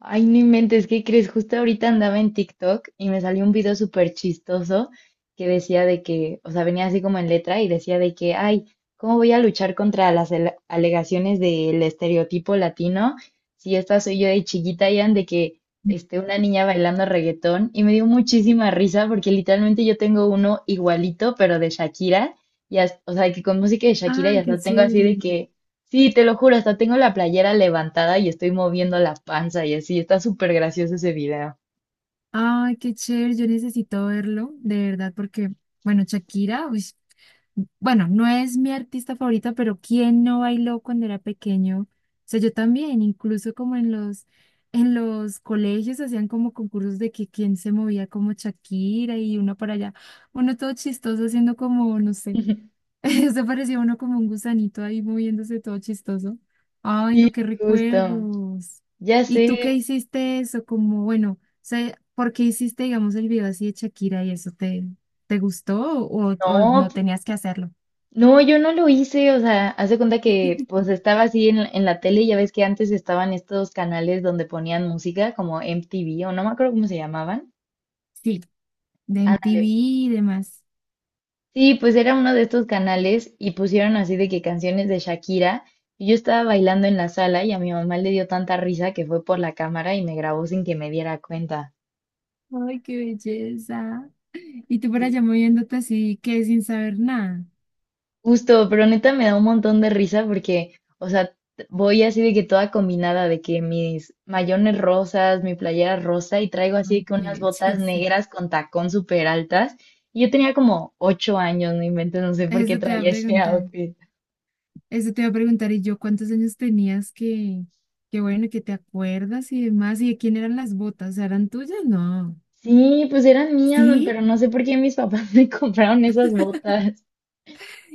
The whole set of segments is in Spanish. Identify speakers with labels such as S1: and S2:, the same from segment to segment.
S1: Ay, no inventes, ¿qué crees? Justo ahorita andaba en TikTok y me salió un video súper chistoso que decía de que, o sea, venía así como en letra y decía de que, ay, ¿cómo voy a luchar contra las alegaciones del estereotipo latino si esta soy yo de chiquita, Ian, de que este, una niña bailando reggaetón? Y me dio muchísima risa porque literalmente yo tengo uno igualito, pero de Shakira, y o sea, que con música de Shakira y
S2: Ay, qué
S1: hasta tengo así de
S2: chévere.
S1: que sí, te lo juro, hasta tengo la playera levantada y estoy moviendo la panza y así. Está súper gracioso ese video.
S2: Ay, qué chévere. Yo necesito verlo, de verdad, porque, bueno, Shakira, uy, bueno, no es mi artista favorita, pero ¿quién no bailó cuando era pequeño? O sea, yo también, incluso como en en los colegios hacían como concursos de que quién se movía como Shakira y uno para allá, uno todo chistoso haciendo como, no sé. Eso parecía uno como un gusanito ahí moviéndose todo chistoso. Ay,
S1: Sí,
S2: no, qué
S1: justo.
S2: recuerdos.
S1: Ya
S2: ¿Y tú qué
S1: sé.
S2: hiciste eso? Como, bueno, o sea, ¿por qué hiciste, digamos, el video así de Shakira y eso te gustó o
S1: No,
S2: no tenías que hacerlo?
S1: no, yo no lo hice. O sea, haz de cuenta que pues estaba así en la tele. Ya ves que antes estaban estos canales donde ponían música como MTV o no me acuerdo cómo se llamaban.
S2: Sí, de
S1: Ah,
S2: MTV y demás.
S1: sí, pues era uno de estos canales y pusieron así de que canciones de Shakira. Y yo estaba bailando en la sala y a mi mamá le dio tanta risa que fue por la cámara y me grabó sin que me diera cuenta.
S2: Ay, qué belleza. Y tú por
S1: Sí,
S2: allá moviéndote así, que sin saber nada.
S1: justo, pero neta me da un montón de risa porque, o sea, voy así de que toda combinada, de que mis mayones rosas, mi playera rosa y traigo así
S2: Ay,
S1: que
S2: qué
S1: unas botas
S2: belleza.
S1: negras con tacón súper altas. Y yo tenía como 8 años, no inventes, no sé por qué
S2: Eso te va a
S1: traía ese
S2: preguntar.
S1: outfit.
S2: Eso te iba a preguntar, ¿y yo cuántos años tenías que bueno, que te acuerdas y demás? ¿Y de quién eran las botas? O sea, ¿eran tuyas? No.
S1: Sí, pues eran mías,
S2: ¿Sí?
S1: pero no sé por qué mis papás me compraron esas botas.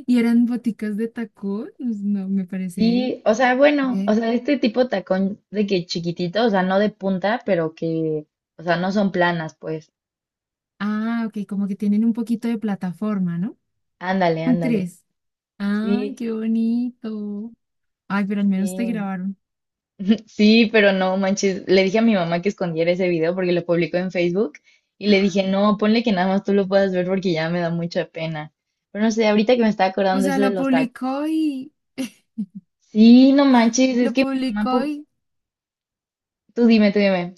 S2: ¿Y eran boticas de tacón? Pues no, me parece.
S1: Sí, o sea, bueno, o
S2: Ve.
S1: sea, este tipo de tacón de que chiquitito, o sea, no de punta, pero que, o sea, no son planas, pues.
S2: Ah, ok, como que tienen un poquito de plataforma, ¿no?
S1: Ándale,
S2: Un
S1: ándale.
S2: tres. Ay,
S1: Sí,
S2: qué bonito. Ay, pero al menos te
S1: sí,
S2: grabaron.
S1: sí, pero no manches. Le dije a mi mamá que escondiera ese video porque lo publicó en Facebook y le dije, no, ponle que nada más tú lo puedas ver porque ya me da mucha pena. Pero no sé, ahorita que me está
S2: O
S1: acordando
S2: sea,
S1: eso de
S2: lo
S1: los tacos.
S2: publicó y
S1: Sí, no manches, es
S2: lo
S1: que mi mamá,
S2: publicó y
S1: tú dime, tú dime.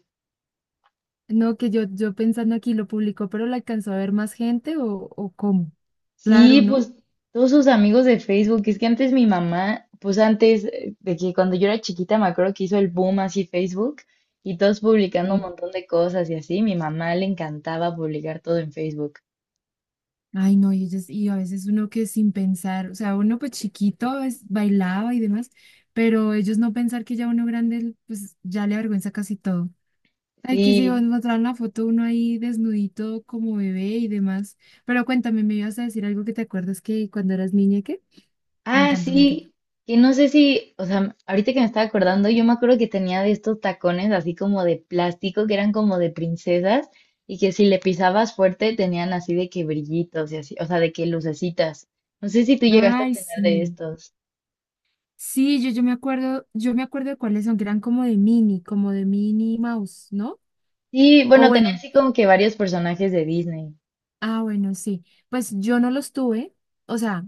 S2: no, que yo pensando aquí lo publicó, pero lo alcanzó a ver más gente o cómo. Claro,
S1: Sí,
S2: ¿no?
S1: pues todos sus amigos de Facebook, es que antes mi mamá, pues antes de que cuando yo era chiquita me acuerdo que hizo el boom así Facebook y todos publicando un
S2: Sí.
S1: montón de cosas y así, mi mamá le encantaba publicar todo en Facebook.
S2: Ay, no, y, ellos- y a veces uno que sin pensar, o sea, uno pues chiquito es- bailaba y demás, pero ellos no pensar que ya uno grande, pues ya le avergüenza casi todo. Ay, que si vos
S1: Sí.
S2: mostraron la foto uno ahí desnudito como bebé y demás. Pero cuéntame, me ibas a decir algo que te acuerdas que cuando eras niña, ¿qué? Me
S1: Ah,
S2: encanta, me encanta.
S1: sí, que no sé si, o sea, ahorita que me estaba acordando, yo me acuerdo que tenía de estos tacones así como de plástico, que eran como de princesas, y que si le pisabas fuerte tenían así de que brillitos y así, o sea, de que lucecitas. No sé si tú llegaste a
S2: Ay,
S1: tener de
S2: sí.
S1: estos.
S2: Sí, yo me acuerdo, yo me acuerdo de cuáles son, que eran como de mini mouse, ¿no?
S1: Sí,
S2: O
S1: bueno, tenía
S2: bueno,
S1: así como que varios personajes de Disney.
S2: ah, bueno, sí. Pues yo no los tuve, o sea.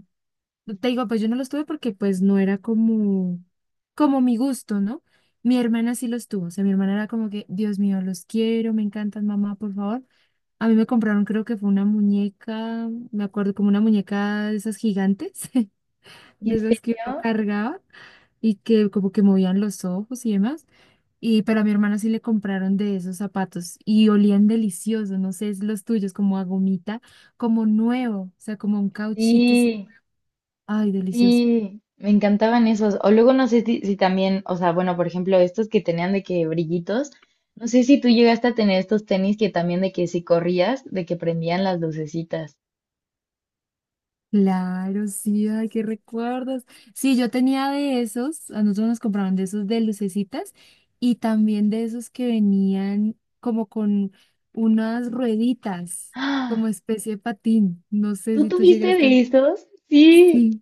S2: Te digo, pues yo no los tuve porque pues no era como, como mi gusto, ¿no? Mi hermana sí los tuvo, o sea, mi hermana era como que, Dios mío, los quiero, me encantan, mamá, por favor. A mí me compraron, creo que fue una muñeca, me acuerdo, como una muñeca de esas gigantes,
S1: ¿En
S2: de esas que uno
S1: serio?
S2: cargaba y que como que movían los ojos y demás. Y pero a mi hermana sí le compraron de esos zapatos y olían deliciosos, no sé, es los tuyos, como a gomita, como nuevo, o sea, como un cauchito, sí.
S1: Sí.
S2: Ay, delicioso.
S1: Sí, me encantaban esos. O luego no sé si, si también, o sea, bueno, por ejemplo, estos que tenían de que brillitos, no sé si tú llegaste a tener estos tenis que también de que si corrías, de que prendían las lucecitas.
S2: Claro, sí, ay, qué recuerdos. Sí, yo tenía de esos, a nosotros nos compraban de esos de lucecitas y también de esos que venían como con unas rueditas,
S1: ¡Ah!
S2: como especie de patín. No sé
S1: ¿Tú
S2: si tú
S1: tuviste
S2: llegaste.
S1: de estos? Sí.
S2: Sí.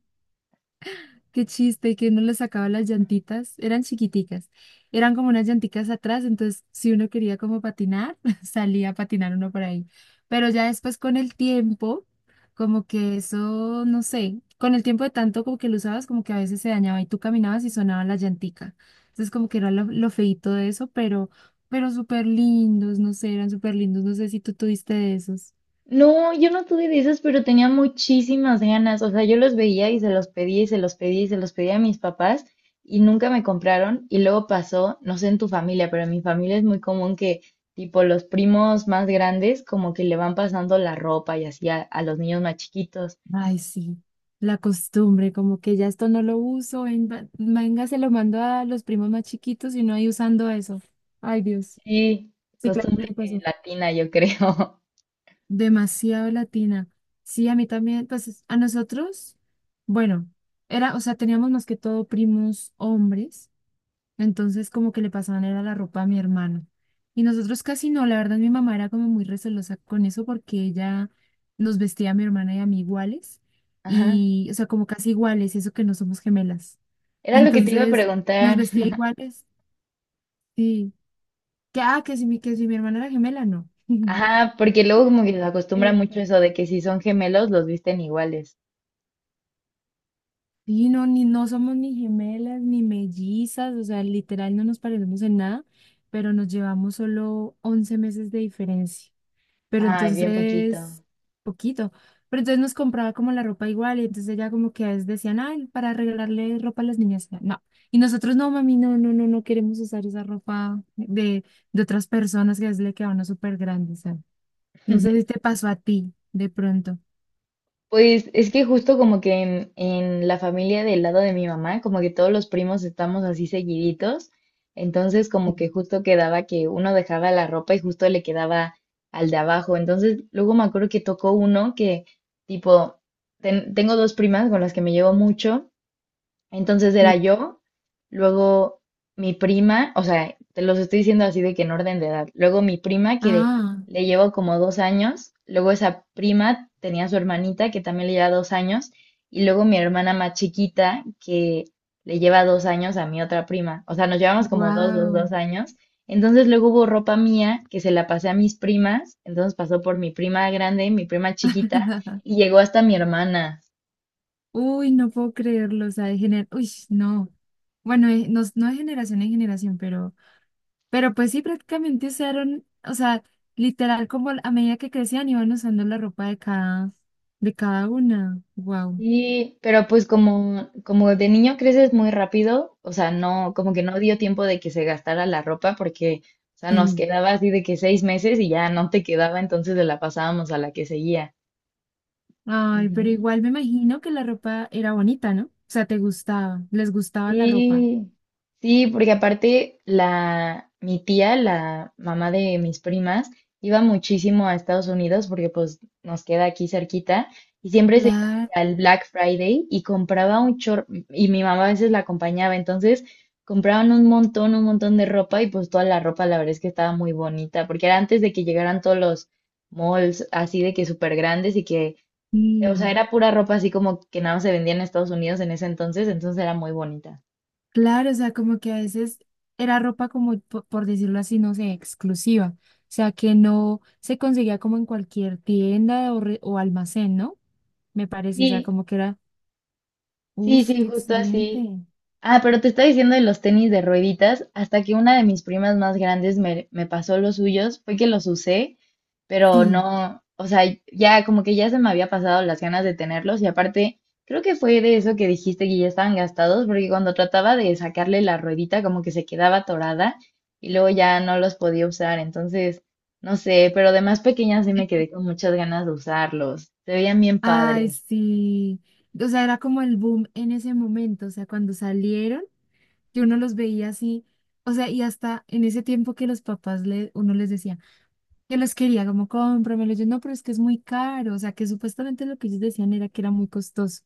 S2: Qué chiste, que uno le sacaba las llantitas, eran chiquiticas, eran como unas llanticas atrás, entonces si uno quería como patinar, salía a patinar uno por ahí. Pero ya después con el tiempo, como que eso, no sé, con el tiempo de tanto como que lo usabas, como que a veces se dañaba y tú caminabas y sonaba la llantica. Entonces como que era lo feíto de eso, pero súper lindos, no sé, eran súper lindos, no sé si tú tuviste de esos.
S1: No, yo no tuve de esas, pero tenía muchísimas ganas. O sea, yo los veía y se los pedía y se los pedía y se los pedía a mis papás y nunca me compraron. Y luego pasó, no sé en tu familia, pero en mi familia es muy común que tipo los primos más grandes como que le van pasando la ropa y así a los niños más chiquitos.
S2: Ay, sí, la costumbre, como que ya esto no lo uso, ven- va- venga, se lo mando a los primos más chiquitos y no hay usando eso. Ay, Dios.
S1: Sí,
S2: Sí, claro,
S1: costumbre
S2: me pasó.
S1: latina, yo creo.
S2: Demasiado latina. Sí, a mí también, pues es- a nosotros, bueno, era, o sea, teníamos más que todo primos hombres. Entonces como que le pasaban era la ropa a mi hermano. Y nosotros casi no, la verdad mi mamá era como muy recelosa con eso porque ella nos vestía a mi hermana y a mí iguales.
S1: Ajá.
S2: Y, o sea, como casi iguales, y eso que no somos gemelas.
S1: Era lo que te iba a
S2: Entonces nos
S1: preguntar.
S2: vestía iguales. Sí. Que, ah, que si mi hermana era gemela, no.
S1: Ajá, porque luego como que se acostumbra
S2: Eh,
S1: mucho eso de que si son gemelos los visten iguales.
S2: sí, no, ni, no somos ni gemelas ni mellizas, o sea, literal no nos parecemos en nada, pero nos llevamos solo 11 meses de diferencia. Pero
S1: Ay, bien poquito.
S2: entonces, poquito. Pero entonces nos compraba como la ropa igual y entonces ella como que a veces decían, ay, para regalarle ropa a las niñas. No. Y nosotros, no, mami, no queremos usar esa ropa de otras personas que a veces le queda a uno súper grande. O sea, no sé si te pasó a ti de pronto.
S1: Pues es que justo como que en la familia del lado de mi mamá, como que todos los primos estamos así seguiditos, entonces
S2: Sí,
S1: como que justo quedaba que uno dejaba la ropa y justo le quedaba al de abajo, entonces luego me acuerdo que tocó uno que tipo, tengo dos primas con las que me llevo mucho, entonces era
S2: sí,
S1: yo, luego mi prima. O sea, te los estoy diciendo así de que en orden de edad. Luego mi prima, que
S2: ah,
S1: le llevo como 2 años, luego esa prima tenía a su hermanita, que también le lleva 2 años, y luego mi hermana más chiquita, que le lleva 2 años a mi otra prima. O sea, nos llevamos como dos, dos, dos
S2: wow.
S1: años. Entonces luego hubo ropa mía que se la pasé a mis primas, entonces pasó por mi prima grande, mi prima chiquita, y llegó hasta mi hermana.
S2: Uy, no puedo creerlo. O sea, de gener... Uy, no. Bueno, no, no de generación en generación, pero pues sí, prácticamente usaron, o sea, literal como a medida que crecían iban usando la ropa de cada una. Wow.
S1: Sí, pero pues como, como de niño creces muy rápido, o sea, no, como que no dio tiempo de que se gastara la ropa porque, o sea, nos
S2: Sí.
S1: quedaba así de que 6 meses y ya no te quedaba, entonces de la pasábamos a la que seguía.
S2: Ay, pero
S1: Ujú.
S2: igual me imagino que la ropa era bonita, ¿no? O sea, te gustaba, les gustaba la ropa.
S1: Sí, sí, porque aparte la, mi tía, la mamá de mis primas, iba muchísimo a Estados Unidos porque pues nos queda aquí cerquita y siempre se iba
S2: Claro.
S1: al Black Friday y compraba un chorro y mi mamá a veces la acompañaba, entonces compraban un montón de ropa y pues toda la ropa la verdad es que estaba muy bonita porque era antes de que llegaran todos los malls así de que súper grandes y que, o sea,
S2: Sí.
S1: era pura ropa así como que nada más se vendía en Estados Unidos en ese entonces, entonces era muy bonita.
S2: Claro, o sea, como que a veces era ropa como, po- por decirlo así, no sé, exclusiva. O sea, que no se conseguía como en cualquier tienda o, re- o almacén, ¿no? Me parece, o sea,
S1: Sí,
S2: como que era,
S1: sí,
S2: uff,
S1: sí,
S2: qué
S1: justo así.
S2: excelente.
S1: Ah, pero te estaba diciendo de los tenis de rueditas, hasta que una de mis primas más grandes me pasó los suyos, fue que los usé, pero
S2: Sí,
S1: no, o sea, ya como que ya se me había pasado las ganas de tenerlos y aparte, creo que fue de eso que dijiste que ya estaban gastados, porque cuando trataba de sacarle la ruedita como que se quedaba atorada y luego ya no los podía usar, entonces, no sé, pero de más pequeña sí me quedé con muchas ganas de usarlos, se veían bien
S2: ay,
S1: padres.
S2: sí. O sea, era como el boom en ese momento. O sea, cuando salieron, yo uno los veía así. O sea, y hasta en ese tiempo que los papás le, uno les decía. Yo los quería como cómpramelos. Yo no, pero es que es muy caro. O sea, que supuestamente lo que ellos decían era que era muy costoso,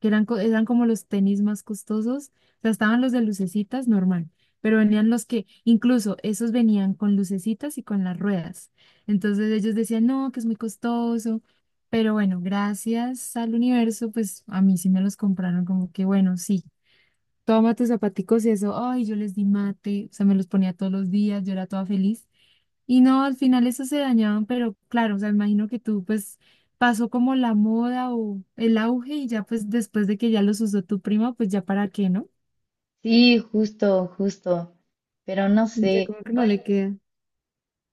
S2: que eran, co- eran como los tenis más costosos. O sea, estaban los de lucecitas normal, pero venían los que, incluso esos venían con lucecitas y con las ruedas. Entonces ellos decían, no, que es muy costoso. Pero bueno, gracias al universo, pues a mí sí me los compraron como que bueno, sí, toma tus zapaticos y eso, ay, yo les di mate, o sea, me los ponía todos los días, yo era toda feliz. Y no, al final eso se dañaban, pero claro, o sea, imagino que tú pues pasó como la moda o el auge y ya pues después de que ya los usó tu prima, pues ya para qué, ¿no?
S1: Sí, justo, justo. Pero no
S2: Ya
S1: sé.
S2: como que no le
S1: Oye,
S2: queda.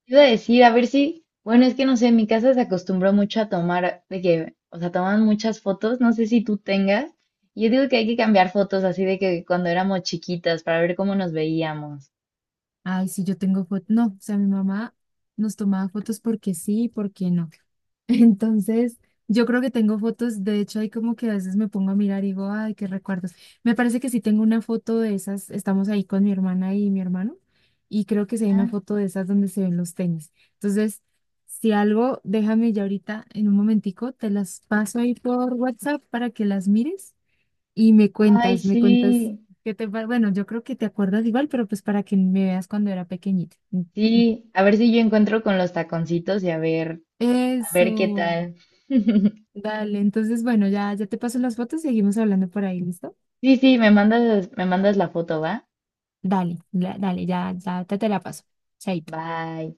S1: te iba a decir, a ver si. Bueno, es que no sé, en mi casa se acostumbró mucho a tomar, de que, o sea, toman muchas fotos. No sé si tú tengas. Y yo digo que hay que cambiar fotos así de que cuando éramos chiquitas para ver cómo nos veíamos.
S2: Ay, sí, yo tengo fotos, no, o sea, mi mamá nos tomaba fotos porque sí y porque no. Entonces, yo creo que tengo fotos, de hecho, ahí como que a veces me pongo a mirar y digo, ay, qué recuerdos. Me parece que sí tengo una foto de esas, estamos ahí con mi hermana y mi hermano, y creo que sí hay
S1: Ajá.
S2: una foto de esas donde se ven los tenis. Entonces, si algo, déjame ya ahorita en un momentico, te las paso ahí por WhatsApp para que las mires y
S1: Ay,
S2: me
S1: sí.
S2: cuentas qué te pa- Bueno, yo creo que te acuerdas igual, pero pues para que me veas cuando era pequeñita. Mm, mm.
S1: Sí, a ver si yo encuentro con los taconcitos y a ver qué
S2: Eso.
S1: tal.
S2: Dale, entonces, bueno, ya, ya te paso las fotos, seguimos hablando por ahí, ¿listo?
S1: Sí, sí, me mandas la foto, ¿va?
S2: Dale, la- dale, ya te la paso. Chaito.
S1: Bye.